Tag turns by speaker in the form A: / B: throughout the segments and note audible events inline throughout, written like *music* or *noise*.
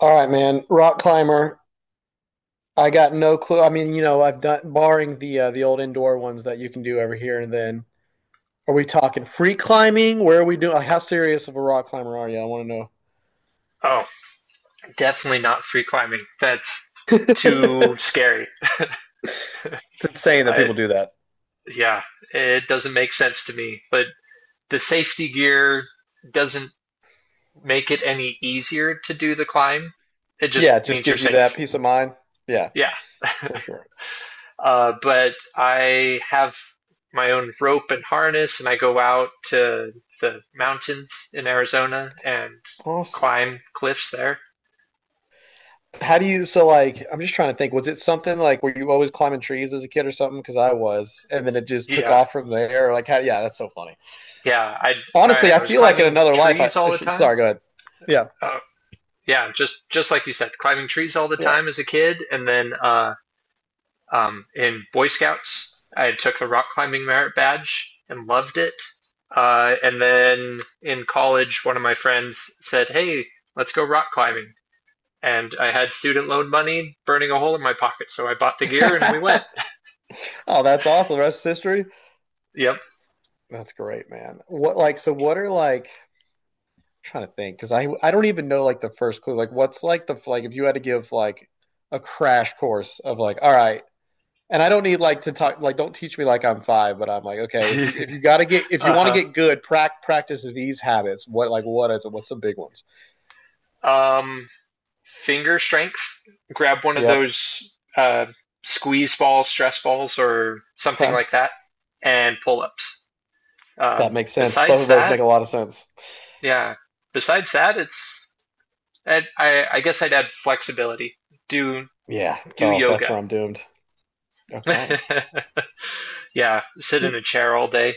A: All right, man. Rock climber. I got no clue. I mean, I've done barring the old indoor ones that you can do every here and then. Are we talking free climbing? Where are we doing? Like, how serious of a rock climber are you? I want
B: Oh, definitely not free climbing. That's
A: to
B: too
A: know.
B: scary. I yeah, it doesn't make sense to me. But the safety gear doesn't make it any easier to do the climb. It
A: *laughs*
B: just
A: Yeah, it just
B: means you're
A: gives you that
B: safe.
A: peace of mind. Yeah,
B: Yeah.
A: for sure.
B: But I have my own rope and harness, and I go out to the mountains in Arizona and
A: Awesome.
B: climb cliffs there.
A: How do you? So, like, I'm just trying to think. Was it something like were you always climbing trees as a kid or something? Because I was, and then it just took
B: Yeah,
A: off from there. Like, how? Yeah, that's so funny.
B: yeah. I I,
A: Honestly, I
B: I was
A: feel like in
B: climbing
A: another life. I
B: trees all
A: I
B: the
A: should-
B: time.
A: sorry. Go ahead.
B: Uh, yeah, just like you said, climbing trees all the
A: Yeah.
B: time as a kid, and then in Boy Scouts, I took the rock climbing merit badge and loved it. And then in college, one of my friends said, "Hey, let's go rock climbing," and I had student loan money burning a hole in my pocket, so I bought the gear and we went.
A: Yeah. *laughs* Oh, that's awesome. The rest is history.
B: Yep.
A: That's great, man. What like so what are like I'm trying to think because I don't even know like the first clue. Like what's like the like if you had to give like a crash course of like, all right, and I don't need like to talk like don't teach me like I'm five, but I'm like, okay, if you
B: *laughs* Uh
A: want to
B: huh.
A: get good, practice these habits. What like what is it? What's some big ones?
B: Um, finger strength, grab one of
A: Yep.
B: those uh, squeeze balls, stress balls, or something
A: Okay.
B: like that, and pull ups.
A: That makes sense. Both
B: Besides
A: of those
B: that,
A: make a lot of sense.
B: yeah. Besides that, it's I, guess I'd add flexibility. Do
A: Yeah.
B: do
A: Oh, that's where
B: yoga.
A: I'm doomed. Okay.
B: *laughs* Yeah, sit in a chair all day.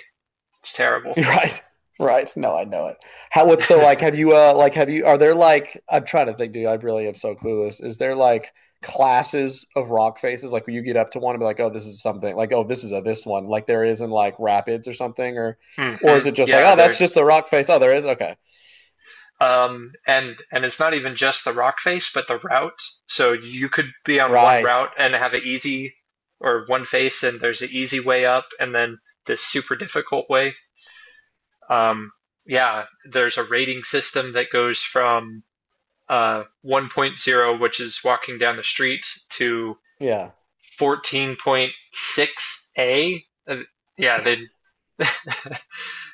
B: It's
A: *laughs*
B: terrible.
A: Right. Right. No, I know it. How, what's so
B: *laughs*
A: like, have you, are there like, I'm trying to think, dude, I really am so clueless. Is there like classes of rock faces? Like, where you get up to one and be like, oh, this is something, like, oh, this is a this one, like there is in like rapids or something, or
B: Hmm,
A: is it just like,
B: yeah,
A: oh, that's
B: they're
A: just a rock face? Oh, there is. Okay.
B: And it's not even just the rock face, but the route. So you could be on one
A: Right.
B: route and have an easy or one face, and there's an easy way up, and then this super difficult way. Um, yeah, there's a rating system that goes from 1.0, which is walking down the street, to
A: Yeah.
B: 14.6a. Yeah, they *laughs*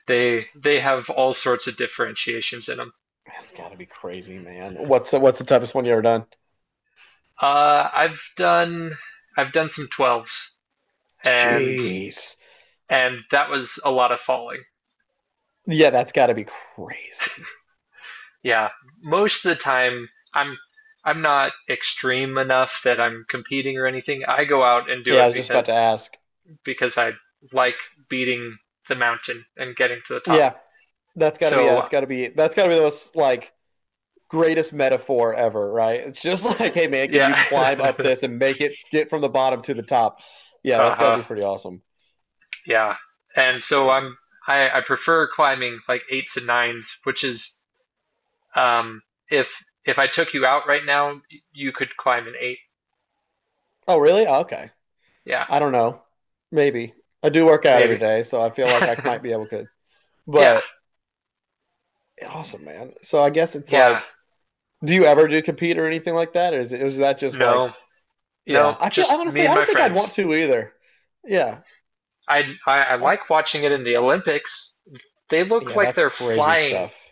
B: they have all sorts of differentiations in them.
A: That's gotta be crazy, man. What's the toughest one you ever done?
B: Uh, I've done I've done some 12s and
A: Jeez.
B: and that was a lot of falling.
A: Yeah, that's gotta be crazy.
B: Yeah, most of the time I'm I'm not extreme enough that I'm competing or anything. I go out and do
A: Yeah, I
B: it
A: was just about to
B: because
A: ask.
B: because I like beating the mountain and getting to the top.
A: Yeah, that's got to be, yeah, that's
B: So
A: got to be that's got to be the most like greatest metaphor ever, right? It's just *laughs* like, hey man, can you
B: yeah,
A: climb up
B: *laughs*
A: this and make it get from the bottom to the top? Yeah, that's got to
B: uh-huh,
A: be pretty awesome.
B: yeah. And
A: That's
B: so I'm
A: crazy.
B: I, I prefer climbing like eights and nines, which is Um, if I took you out right now, you could climb an eight.
A: Oh, really? Oh, okay.
B: Yeah,
A: I don't know. Maybe I do work out every
B: maybe.
A: day, so I feel like I might
B: *laughs*
A: be able to.
B: Yeah,
A: But awesome, man. So I guess it's
B: yeah.
A: like, do you ever do compete or anything like that, or is that just like,
B: No, no.
A: yeah? I feel I
B: Just me
A: honestly
B: and
A: I
B: my
A: don't think I'd want
B: friends.
A: to either. Yeah,
B: I
A: I,
B: like watching it in the Olympics. They look
A: Yeah,
B: like
A: that's
B: they're
A: crazy
B: flying.
A: stuff.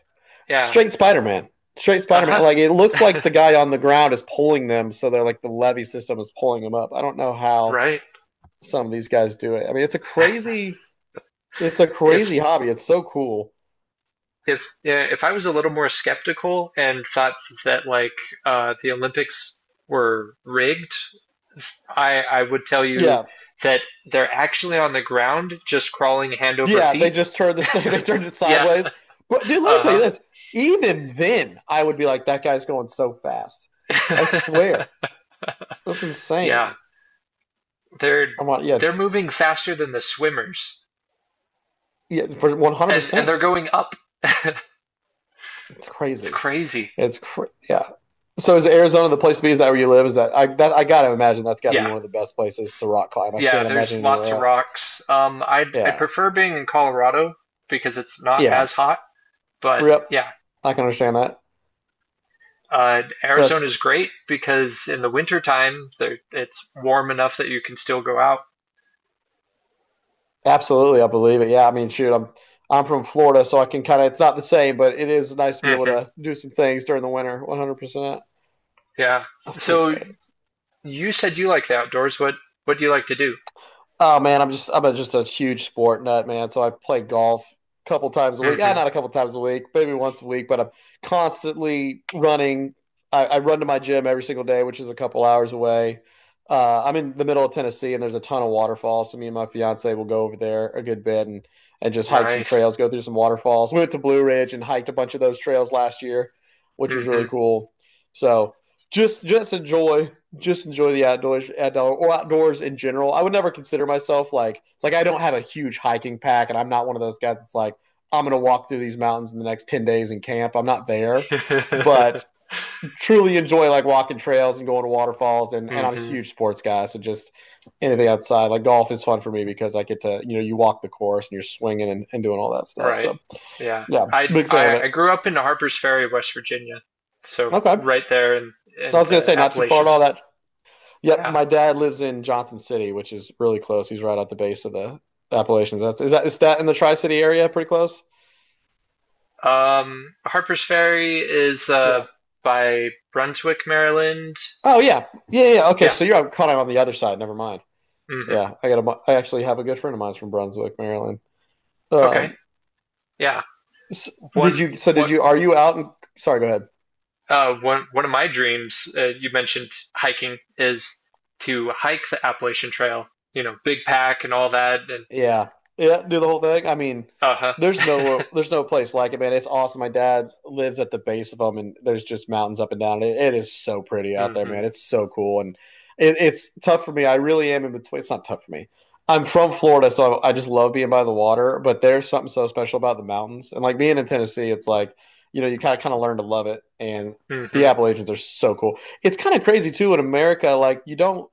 B: Yeah.
A: Straight Spider Man. Straight Spider Man.
B: Uh-huh.
A: Like it looks like
B: *laughs*
A: the guy on the ground is pulling them, so they're like the levee system is pulling them up. I don't know how
B: Right.
A: some of these guys do it. I mean, it's a crazy, it's a
B: If
A: crazy hobby. It's so cool.
B: if yeah, if I was a little more skeptical and thought that like, the Olympics were rigged, I would tell you
A: Yeah,
B: that they're actually on the ground, just crawling hand over
A: yeah. They
B: feet.
A: just turned the *laughs* same. They turned it
B: Yeah. *laughs*
A: sideways. But dude, let me tell you
B: Uh-huh.
A: this. Even then, I would be like, that guy's going so fast. I swear, that's
B: *laughs*
A: insane.
B: Yeah. They're
A: I'm on. Yeah,
B: they're moving faster than the swimmers,
A: yeah. For one hundred
B: and they're
A: percent,
B: going up. *laughs*
A: it's
B: It's
A: crazy.
B: crazy.
A: Yeah. So is Arizona the place to be? Is that where you live? Is that I gotta imagine that's got to be
B: Yeah.
A: one of the best places to rock climb. I
B: Yeah,
A: can't imagine
B: there's
A: anywhere
B: lots of
A: else.
B: rocks. I'd
A: Yeah,
B: prefer being in Colorado because it's not
A: yeah.
B: as hot, but
A: Yep,
B: yeah.
A: I can understand that. That's
B: Arizona's great because in the winter time there it's warm enough that you can still go out.
A: absolutely. I believe it. Yeah. I mean, shoot, I'm from Florida, so I can kind of. It's not the same, but it is nice to be able
B: Hmm.
A: to do some things during the winter. 100%.
B: Yeah.
A: That's pretty
B: So
A: great.
B: you said you like the outdoors. What do you like to do?
A: Oh man, I'm just a huge sport nut, man. So I play golf a couple times a week. Yeah,
B: Hmm.
A: not a couple times a week, maybe once a week, but I'm constantly running. I run to my gym every single day, which is a couple hours away. I'm in the middle of Tennessee, and there's a ton of waterfalls. So me and my fiance will go over there a good bit and just hike some
B: Nice.
A: trails, go through some waterfalls. We went to Blue Ridge and hiked a bunch of those trails last year, which was really
B: Mhm.
A: cool. So just just enjoy just enjoy the outdoors, outdoor or outdoors in general. I would never consider myself like I don't have a huge hiking pack, and I'm not one of those guys that's like I'm gonna walk through these mountains in the next 10 days and camp. I'm not there, but
B: *laughs*
A: truly enjoy like walking trails and going to waterfalls, and I'm a
B: Hmm.
A: huge sports guy, so just anything outside like golf is fun for me because I get to you walk the course and you're swinging and doing all that stuff.
B: Right.
A: So
B: Yeah.
A: yeah,
B: I,
A: big fan of
B: I
A: it.
B: I grew up in Harpers Ferry, West Virginia. So
A: Okay,
B: right there in
A: so I
B: in
A: was gonna
B: the
A: say not too far at all.
B: Appalachians.
A: That Yep,
B: Yeah.
A: my dad lives in Johnson City, which is really close. He's right at the base of the Appalachians. That's is that in the Tri City area? Pretty close.
B: Harpers Ferry is
A: Yeah.
B: by Brunswick, Maryland.
A: Oh yeah, yeah, yeah. Yeah. Okay,
B: Yeah.
A: so you're kind of on the other side. Never mind.
B: Hmm.
A: Yeah, I got a. I actually have a good friend of mine from Brunswick, Maryland.
B: Okay.
A: Um,
B: Yeah.
A: s- did
B: One
A: you? So did
B: what
A: you? Are you out? Sorry, go ahead.
B: one one of my dreams, you mentioned hiking, is to hike the Appalachian Trail. Big Pack and all that, and
A: Yeah. Yeah, do the whole thing. I mean,
B: uh-huh.
A: there's no
B: *laughs*
A: there's no place like it, man. It's awesome. My dad lives at the base of them, and there's just mountains up and down. It is so pretty out there,
B: Hmm.
A: man. It's so cool, and it's tough for me. I really am in between. It's not tough for me. I'm from Florida, so I just love being by the water. But there's something so special about the mountains, and like being in Tennessee, it's like you kind of learn to love it, and the
B: Hmm.
A: Appalachians are so cool. It's kind of crazy too in America. Like you don't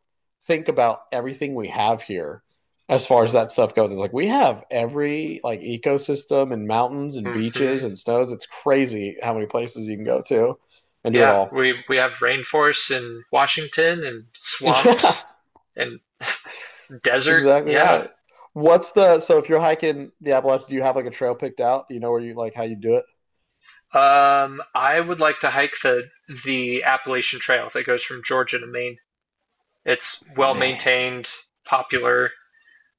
A: think about everything we have here as far as that stuff goes. It's like we have every like ecosystem and mountains and
B: Hmm.
A: beaches and snows. It's crazy how many places you can go to and do it
B: Yeah,
A: all. *laughs*
B: we have rainforests in Washington and
A: Yeah,
B: swamps and
A: that's
B: desert.
A: exactly
B: Yeah.
A: right. What's the So if you're hiking the Appalachians, do you have like a trail picked out? Do you know where you like how you do it?
B: I would like to hike the Appalachian Trail that goes from Georgia to Maine. It's well
A: Man,
B: maintained, popular.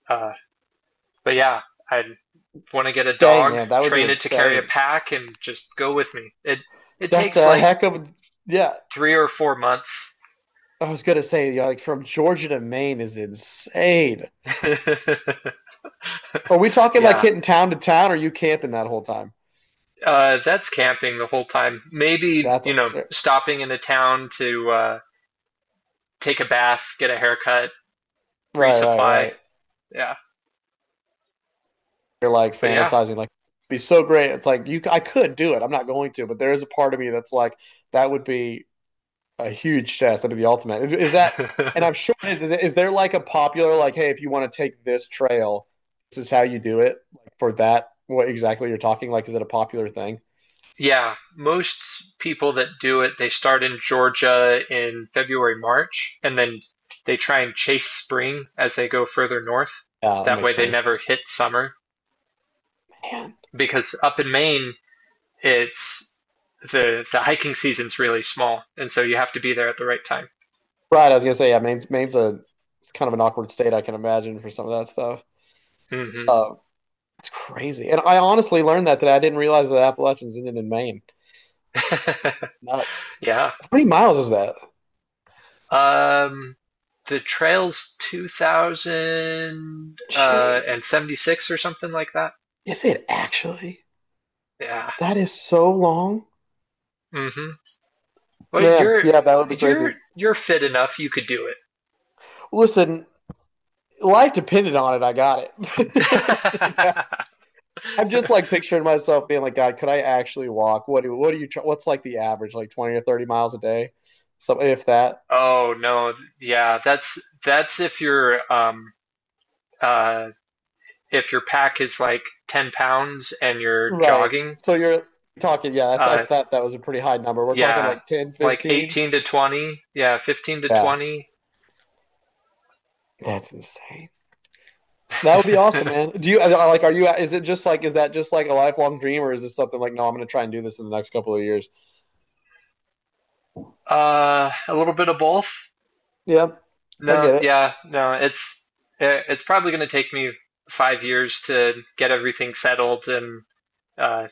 B: Uh, but yeah, I would want to get a
A: dang
B: dog,
A: man, that would be
B: train it to carry a
A: insane.
B: pack, and just go with me. It
A: That's
B: takes
A: a
B: like
A: heck of a- yeah.
B: 3 or 4 months.
A: I was gonna say yeah, like from Georgia to Maine is insane.
B: *laughs*
A: Are we talking like
B: Yeah,
A: hitting town to town? Or are you camping that whole time?
B: that's camping the whole time. Maybe,
A: That's
B: stopping in a town to, take a bath, get a haircut,
A: right, right,
B: resupply.
A: right.
B: Yeah.
A: You're like
B: But yeah.
A: fantasizing like be so great. It's like you I could do it. I'm not going to, but there is a part of me that's like that would be a huge test. That'd be the ultimate. Is that, and I'm sure it is. Is there like a popular like, hey, if you want to take this trail, this is how you do it like for that, what exactly you're talking, like is it a popular thing?
B: *laughs* Yeah. Most people that do it, they start in Georgia in February, March, and then they try and chase spring as they go further north.
A: Yeah, that
B: That
A: makes
B: way they
A: sense,
B: never hit summer
A: man.
B: because up in Maine, it's the hiking season's really small, and so you have to be there at the right time.
A: Right, I was gonna say, yeah, Maine's a kind of an awkward state, I can imagine, for some of that stuff.
B: Hmm.
A: uh it's crazy, and I honestly learned that today. I didn't realize that Appalachians ended in Maine. Nuts.
B: *laughs* Yeah.
A: How many miles is that?
B: Um, the trail's 2000 and
A: Jeez.
B: 76 or something like that.
A: Is it actually?
B: Yeah.
A: That is so long.
B: Mm-hmm. Well,
A: Man,
B: you're
A: yeah, that would be crazy.
B: you're you're fit enough. You could do
A: Listen, life depended on it. I got it.
B: it.
A: *laughs*
B: *laughs*
A: I'm just like picturing myself being like, God, could I actually walk? What do you what's like the average, like 20 or 30 miles a day? So if that,
B: Oh no. Yeah, that's uh if your pack is like 10 pounds and you're
A: right.
B: jogging.
A: So you're talking, yeah, I
B: Uh
A: thought that was a pretty high number. We're talking
B: yeah,
A: like 10,
B: like
A: 15.
B: 18 to 20. Yeah, 15 to
A: Yeah,
B: 20. *laughs*
A: that's insane. That would be awesome, man. Do you like? Are you? Is it just like? Is that just like a lifelong dream, or is this something like? No, I'm going to try and do this in the next couple of years.
B: A little bit of both.
A: Yeah, I
B: No,
A: get it.
B: yeah, no, it's probably going to take me 5 years to get everything settled and, uh,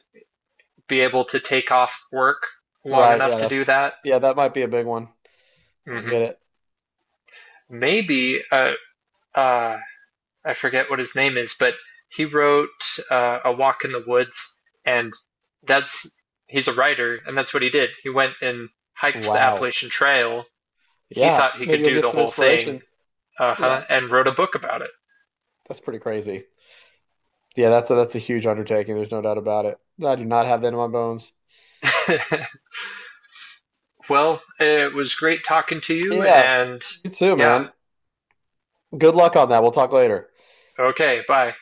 B: be able to take off work long
A: Right.
B: enough
A: Yeah,
B: to do
A: that's.
B: that.
A: Yeah, that might be a big one. I
B: Hmm.
A: get it.
B: Maybe uh, I forget what his name is, but he wrote, A Walk in the Woods, and that's he's a writer, and that's what he did. He went and hiked the
A: Wow.
B: Appalachian Trail. He
A: Yeah,
B: thought he
A: maybe
B: could
A: you'll
B: do
A: get
B: the
A: some
B: whole thing,
A: inspiration. Yeah,
B: uh-huh, and wrote a book about
A: that's pretty crazy. Yeah, that's a huge undertaking. There's no doubt about it. I do not have that in my bones.
B: it. *laughs* Well, it was great talking to you,
A: Yeah,
B: and
A: you too,
B: yeah,
A: man. Good luck on that. We'll talk later.
B: okay, bye.